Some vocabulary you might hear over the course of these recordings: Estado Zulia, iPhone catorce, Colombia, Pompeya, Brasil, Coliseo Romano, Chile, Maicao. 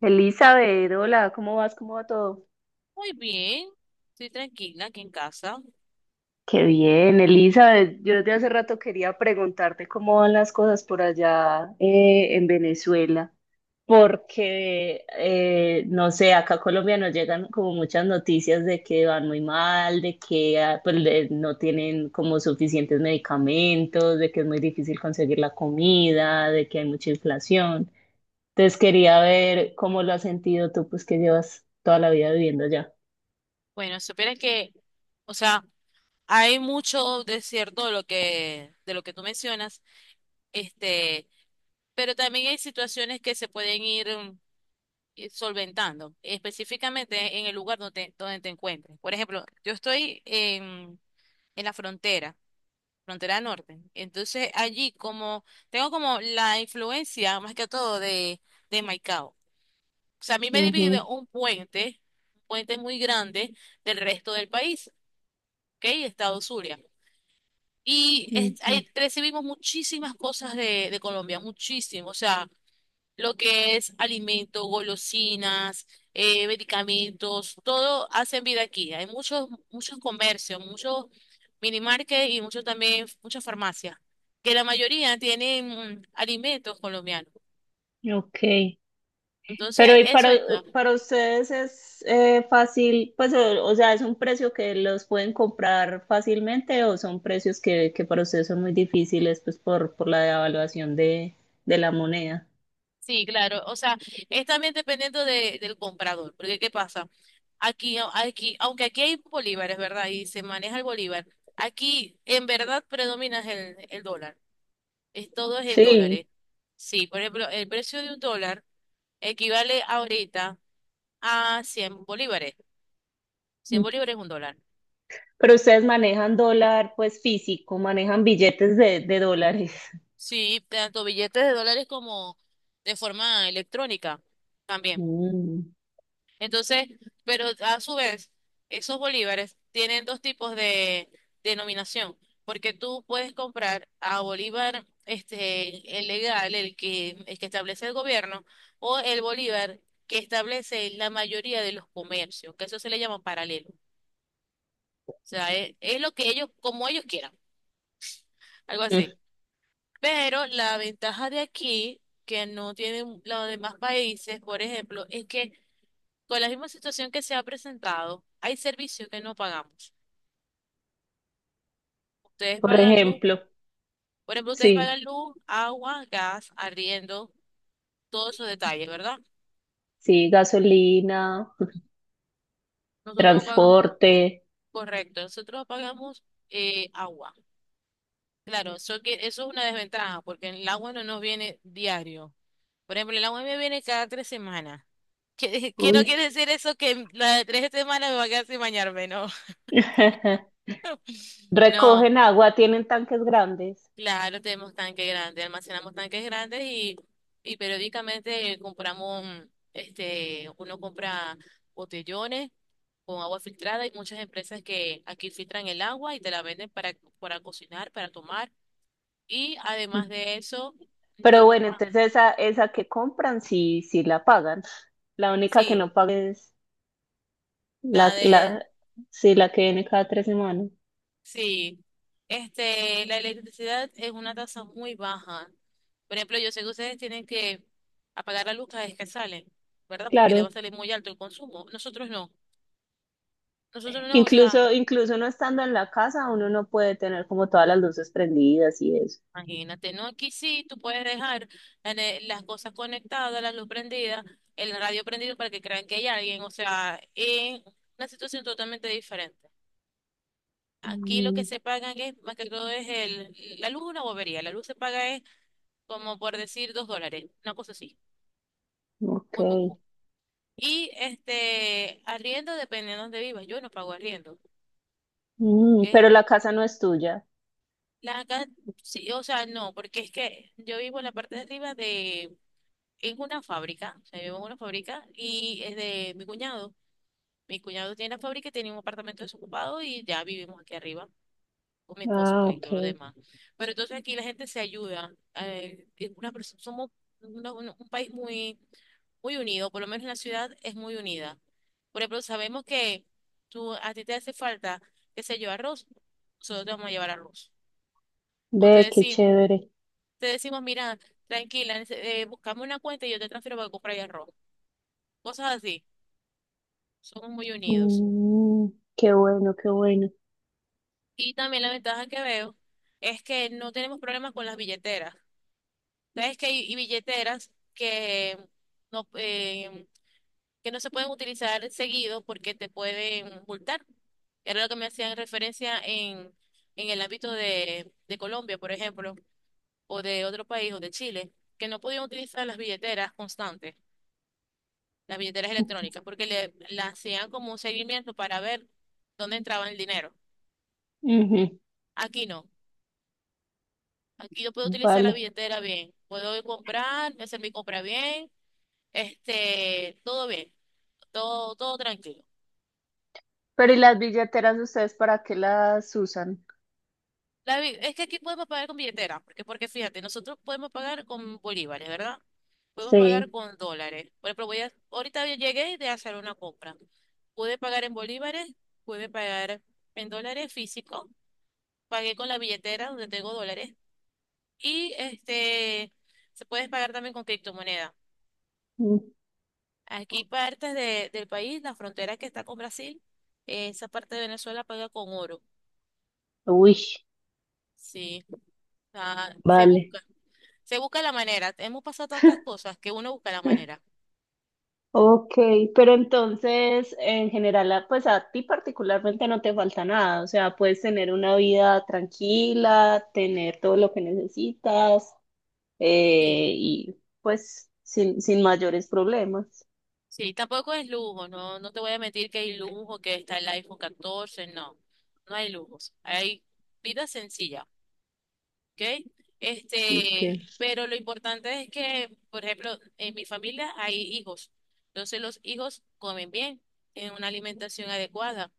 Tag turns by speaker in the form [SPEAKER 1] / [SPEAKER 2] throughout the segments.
[SPEAKER 1] Elizabeth, hola, ¿cómo vas? ¿Cómo va todo?
[SPEAKER 2] Muy bien, estoy tranquila aquí en casa.
[SPEAKER 1] Qué bien, Elizabeth. Yo desde hace rato quería preguntarte cómo van las cosas por allá en Venezuela, porque no sé, acá a Colombia nos llegan como muchas noticias de que van muy mal, de que pues, no tienen como suficientes medicamentos, de que es muy difícil conseguir la comida, de que hay mucha inflación. Entonces quería ver cómo lo has sentido tú, pues que llevas toda la vida viviendo allá.
[SPEAKER 2] Bueno, si supieras que, o sea, hay mucho de cierto de lo que tú mencionas, este, pero también hay situaciones que se pueden ir solventando, específicamente en el lugar donde te encuentres. Por ejemplo, yo estoy en la frontera, frontera norte. Entonces, allí como, tengo como la influencia, más que todo, de Maicao. O sea, a mí me divide un puente muy grande del resto del país, ¿ok? Estado Zulia. Y
[SPEAKER 1] Ujú.
[SPEAKER 2] ahí recibimos muchísimas cosas de Colombia, muchísimo. O sea, lo que es alimento, golosinas, medicamentos, todo hacen vida aquí. Hay muchos comercios, muchos minimarket y muchos también, muchas farmacias, que la mayoría tienen alimentos colombianos.
[SPEAKER 1] Ok,
[SPEAKER 2] Entonces,
[SPEAKER 1] pero
[SPEAKER 2] eso ayuda.
[SPEAKER 1] para ustedes es fácil, pues o sea, es un precio que los pueden comprar fácilmente o son precios que para ustedes son muy difíciles pues por la devaluación de la moneda.
[SPEAKER 2] Sí, claro. O sea, es también dependiendo del comprador. Porque, ¿qué pasa? Aunque aquí hay bolívares, ¿verdad? Y se maneja el bolívar. Aquí, en verdad, predomina el dólar. Todo es en
[SPEAKER 1] Sí.
[SPEAKER 2] dólares. Sí, por ejemplo, el precio de un dólar equivale ahorita a 100 bolívares. 100
[SPEAKER 1] Mm,
[SPEAKER 2] bolívares es un dólar.
[SPEAKER 1] pero ustedes manejan dólar pues físico, manejan billetes de dólares.
[SPEAKER 2] Sí, tanto billetes de dólares como de forma electrónica también.
[SPEAKER 1] Mm.
[SPEAKER 2] Entonces, pero a su vez, esos bolívares tienen dos tipos de denominación, porque tú puedes comprar a bolívar este el legal, el que establece el gobierno, o el bolívar que establece la mayoría de los comercios, que eso se le llama paralelo. O sea, es lo que ellos, como ellos quieran, algo así.
[SPEAKER 1] Mm.
[SPEAKER 2] Pero la ventaja de aquí, que no tienen los demás países, por ejemplo, es que con la misma situación que se ha presentado, hay servicios que no pagamos. Ustedes
[SPEAKER 1] Por
[SPEAKER 2] pagan luz,
[SPEAKER 1] ejemplo,
[SPEAKER 2] por ejemplo, ustedes
[SPEAKER 1] sí,
[SPEAKER 2] pagan luz, agua, gas, arriendo, todos esos detalles, ¿verdad?
[SPEAKER 1] sí, gasolina,
[SPEAKER 2] Nosotros no pagamos,
[SPEAKER 1] transporte.
[SPEAKER 2] correcto, nosotros pagamos agua. Claro, eso es una desventaja, porque el agua no nos viene diario. Por ejemplo, el agua me viene cada 3 semanas. Que no
[SPEAKER 1] Uy.
[SPEAKER 2] quiere decir eso que las de 3 semanas me va a quedar sin bañarme, no. No,
[SPEAKER 1] Recogen agua, tienen tanques grandes.
[SPEAKER 2] claro, tenemos tanques grandes, almacenamos tanques grandes y periódicamente compramos, uno compra botellones con agua filtrada. Hay muchas empresas que aquí filtran el agua y te la venden para cocinar, para tomar. Y además de eso,
[SPEAKER 1] Pero
[SPEAKER 2] yo no,
[SPEAKER 1] bueno, entonces esa que compran sí, sí la pagan. La única que
[SPEAKER 2] sí,
[SPEAKER 1] no paga es la,
[SPEAKER 2] la de,
[SPEAKER 1] la, sí, la que viene cada 3 semanas.
[SPEAKER 2] sí, la electricidad es una tasa muy baja. Por ejemplo, yo sé que ustedes tienen que apagar la luz cada vez que salen, ¿verdad? Porque le va
[SPEAKER 1] Claro.
[SPEAKER 2] a salir muy alto el consumo. Nosotros no, o sea,
[SPEAKER 1] Incluso, incluso no estando en la casa, uno no puede tener como todas las luces prendidas y eso.
[SPEAKER 2] imagínate, ¿no? Aquí sí, tú puedes dejar las cosas conectadas, la luz prendida, el radio prendido para que crean que hay alguien, o sea, es una situación totalmente diferente. Aquí lo que
[SPEAKER 1] Mm,
[SPEAKER 2] se pagan es, más que todo, la luz es una bobería, la luz se paga es como por decir $2, una cosa así.
[SPEAKER 1] ok.
[SPEAKER 2] Muy poco. Y arriendo dependiendo de dónde vivas, yo no pago arriendo,
[SPEAKER 1] Mm, pero
[SPEAKER 2] ¿ok?
[SPEAKER 1] la casa no es tuya.
[SPEAKER 2] Acá, sí, o sea, no, porque es que yo vivo en la parte de arriba de, en una fábrica, o sea, vivo en una fábrica y es de mi cuñado. Mi cuñado tiene la fábrica y tiene un apartamento desocupado y ya vivimos aquí arriba con mi esposo,
[SPEAKER 1] Ah,
[SPEAKER 2] pues, y
[SPEAKER 1] ok.
[SPEAKER 2] todo lo demás. Pero entonces aquí la gente se ayuda. Somos un país muy muy unido, por lo menos en la ciudad es muy unida. Por ejemplo, sabemos que tú, a ti te hace falta, qué sé yo, arroz, nosotros te vamos a llevar arroz. O te
[SPEAKER 1] Ve, qué
[SPEAKER 2] decimos,
[SPEAKER 1] chévere.
[SPEAKER 2] mira, tranquila, buscame una cuenta y yo te transfiero para que compres arroz. Cosas así, somos muy unidos.
[SPEAKER 1] Mm, qué bueno, qué bueno.
[SPEAKER 2] Y también la ventaja que veo es que no tenemos problemas con las billeteras. Sabes que hay y billeteras no, em, que no se pueden utilizar seguido porque te pueden multar. Era lo que me hacían referencia en el ámbito de Colombia, por ejemplo, o de otro país, o de Chile, que no podían utilizar las billeteras constantes, las billeteras electrónicas, porque la hacían como un seguimiento para ver dónde entraba el dinero.
[SPEAKER 1] Ujú.
[SPEAKER 2] Aquí no. Aquí yo puedo utilizar la
[SPEAKER 1] Vale.
[SPEAKER 2] billetera bien. Puedo ir a comprar, hacer mi compra bien, todo bien, todo tranquilo.
[SPEAKER 1] Pero ¿y las billeteras ustedes para qué las usan?
[SPEAKER 2] David, es que aquí podemos pagar con billetera, porque fíjate, nosotros podemos pagar con bolívares, ¿verdad? Podemos pagar
[SPEAKER 1] Sí.
[SPEAKER 2] con dólares. Por ejemplo, ahorita yo llegué de hacer una compra. Pude pagar en bolívares, pude pagar en dólares físicos, pagué con la billetera donde tengo dólares y se puede pagar también con criptomoneda.
[SPEAKER 1] Mm.
[SPEAKER 2] Aquí partes del país, la frontera que está con Brasil, esa parte de Venezuela paga con oro.
[SPEAKER 1] Uy,
[SPEAKER 2] Sí, o se
[SPEAKER 1] vale.
[SPEAKER 2] busca. Se busca la manera. Hemos pasado tantas cosas que uno busca la manera.
[SPEAKER 1] Ok, pero entonces en general, pues a ti particularmente no te falta nada, o sea, puedes tener una vida tranquila, tener todo lo que necesitas
[SPEAKER 2] Sí,
[SPEAKER 1] y pues sin mayores problemas.
[SPEAKER 2] sí, tampoco es lujo, no, no te voy a mentir que hay lujo, que está el iPhone 14 no, no hay lujos, hay vida sencilla, ¿ok?
[SPEAKER 1] Ok.
[SPEAKER 2] Pero lo importante es que, por ejemplo, en mi familia hay hijos, entonces los hijos comen bien, tienen una alimentación adecuada,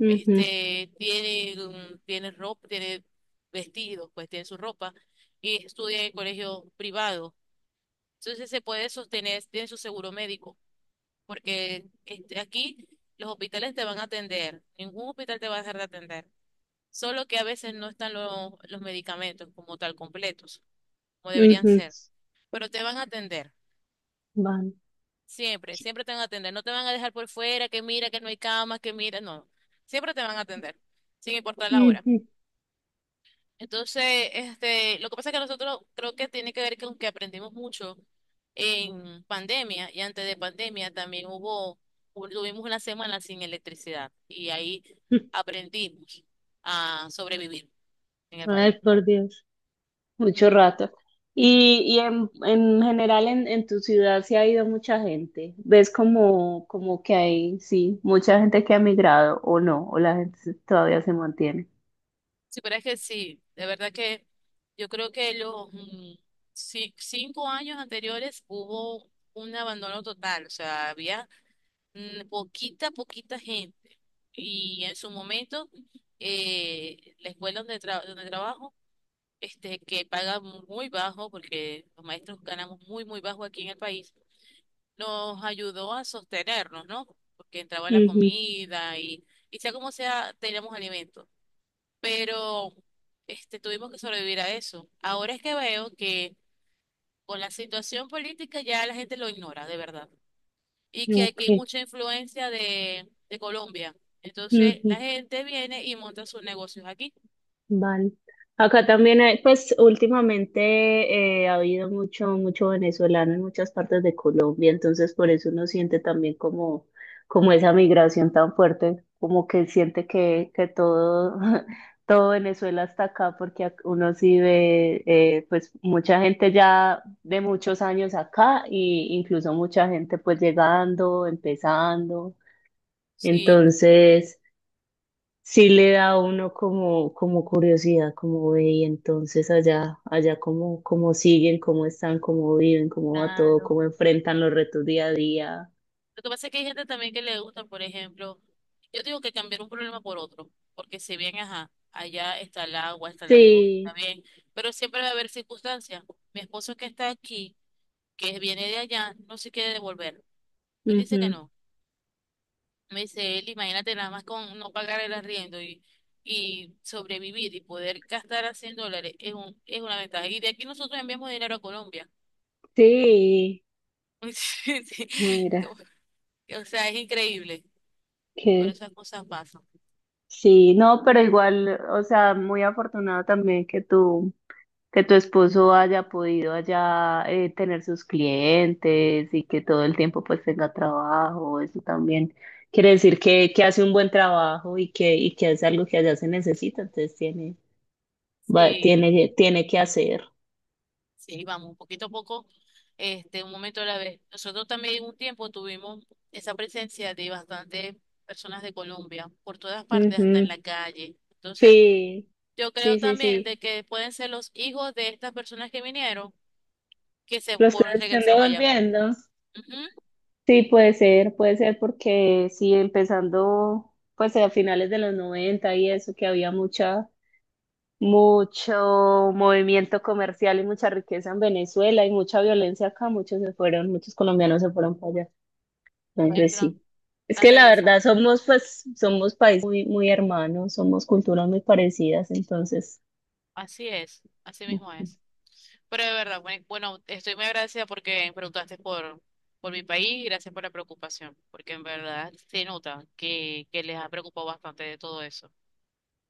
[SPEAKER 1] Ujú.
[SPEAKER 2] tienen ropa, tienen vestidos, pues tienen su ropa y estudian en colegio privado. Entonces se puede sostener, tiene su seguro médico, porque aquí los hospitales te van a atender, ningún hospital te va a dejar de atender, solo que a veces no están los medicamentos como tal completos, como deberían
[SPEAKER 1] Ujú.
[SPEAKER 2] ser, pero te van a atender,
[SPEAKER 1] Vale.
[SPEAKER 2] siempre, siempre te van a atender, no te van a dejar por fuera, que mira que no hay camas, que mira, no, siempre te van a atender, sin importar la hora.
[SPEAKER 1] Ujú.
[SPEAKER 2] Entonces, lo que pasa es que nosotros creo que tiene que ver con que aprendimos mucho en pandemia y antes de pandemia también tuvimos una semana sin electricidad y ahí aprendimos a sobrevivir en el país.
[SPEAKER 1] Ay, por Dios. Mucho rato. Y en general en tu ciudad se ha ido mucha gente. ¿Ves como que hay, sí, mucha gente que ha migrado o no? ¿O la gente todavía se mantiene?
[SPEAKER 2] Sí, pero es que sí, de verdad que yo creo que los 5 años anteriores hubo un abandono total, o sea, había poquita, poquita gente. Y en su momento, la escuela donde trabajo, que paga muy bajo, porque los maestros ganamos muy, muy bajo aquí en el país, nos ayudó a sostenernos, ¿no? Porque entraba la comida y sea como sea, teníamos alimentos. Pero tuvimos que sobrevivir a eso. Ahora es que veo que con la situación política ya la gente lo ignora, de verdad y
[SPEAKER 1] Ujú,
[SPEAKER 2] que aquí hay
[SPEAKER 1] ok.
[SPEAKER 2] mucha influencia de Colombia. Entonces
[SPEAKER 1] Ujú.
[SPEAKER 2] la gente viene y monta sus negocios aquí.
[SPEAKER 1] Vale. Acá también hay, pues últimamente ha habido mucho venezolano en muchas partes de Colombia, entonces por eso uno siente también como, como esa migración tan fuerte, como que siente que todo, todo Venezuela está acá, porque uno sí ve pues mucha gente ya de muchos años acá, e incluso mucha gente pues llegando, empezando.
[SPEAKER 2] Sí,
[SPEAKER 1] Entonces sí le da a uno como, como curiosidad, como ve, y entonces allá, allá cómo, cómo siguen, cómo están, cómo viven, cómo va todo,
[SPEAKER 2] claro.
[SPEAKER 1] cómo enfrentan los retos día a día.
[SPEAKER 2] Lo que pasa es que hay gente también que le gusta, por ejemplo, yo digo que cambiar un problema por otro, porque si bien, ajá, allá está el agua, está la luz, está
[SPEAKER 1] Sí,
[SPEAKER 2] bien, pero siempre va a haber circunstancias. Mi esposo que está aquí, que viene de allá, no se quiere devolver. Él dice que
[SPEAKER 1] ujú.
[SPEAKER 2] no. Me dice él, imagínate nada más con no pagar el arriendo y sobrevivir y poder gastar a $100 es una ventaja. Y de aquí nosotros enviamos dinero a Colombia.
[SPEAKER 1] Sí,
[SPEAKER 2] Sí, sí. Como-
[SPEAKER 1] mira,
[SPEAKER 2] O sea, es increíble, pero
[SPEAKER 1] que
[SPEAKER 2] esas cosas pasan.
[SPEAKER 1] sí, no, pero igual, o sea, muy afortunado también que tú. Que tu esposo haya podido allá tener sus clientes y que todo el tiempo pues tenga trabajo, eso también quiere decir que hace un buen trabajo y que hace algo que allá se necesita, entonces tiene,
[SPEAKER 2] Sí,
[SPEAKER 1] tiene, tiene que hacer.
[SPEAKER 2] sí, vamos, poquito a poco, un momento a la vez. Nosotros también un tiempo tuvimos esa presencia de bastantes personas de Colombia, por todas partes, hasta en
[SPEAKER 1] Ujú.
[SPEAKER 2] la calle. Entonces,
[SPEAKER 1] Sí,
[SPEAKER 2] yo creo
[SPEAKER 1] sí, sí,
[SPEAKER 2] también
[SPEAKER 1] sí.
[SPEAKER 2] de que pueden ser los hijos de estas personas que vinieron que
[SPEAKER 1] Los que se estén
[SPEAKER 2] regresaron allá.
[SPEAKER 1] devolviendo.
[SPEAKER 2] Ujú,
[SPEAKER 1] Sí, puede ser porque sí, empezando pues a finales de los 90 y eso que había mucha mucho movimiento comercial y mucha riqueza en Venezuela y mucha violencia acá, muchos se fueron, muchos colombianos se fueron para allá.
[SPEAKER 2] ahí
[SPEAKER 1] Entonces
[SPEAKER 2] quedan,
[SPEAKER 1] sí. Es
[SPEAKER 2] están
[SPEAKER 1] que la verdad
[SPEAKER 2] regresando.
[SPEAKER 1] somos pues, somos países muy, muy hermanos, somos culturas muy parecidas, entonces,
[SPEAKER 2] Así es, así mismo
[SPEAKER 1] ujú.
[SPEAKER 2] es. Pero de verdad, bueno, estoy muy agradecida porque preguntaste por mi país y gracias por la preocupación, porque en verdad se nota que les ha preocupado bastante de todo eso.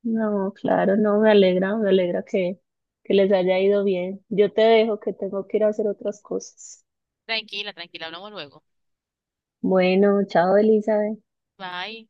[SPEAKER 1] No, claro, no, me alegra que les haya ido bien. Yo te dejo que tengo que ir a hacer otras cosas.
[SPEAKER 2] Tranquila, tranquila, hablamos luego.
[SPEAKER 1] Bueno, chao, Elizabeth.
[SPEAKER 2] Bye.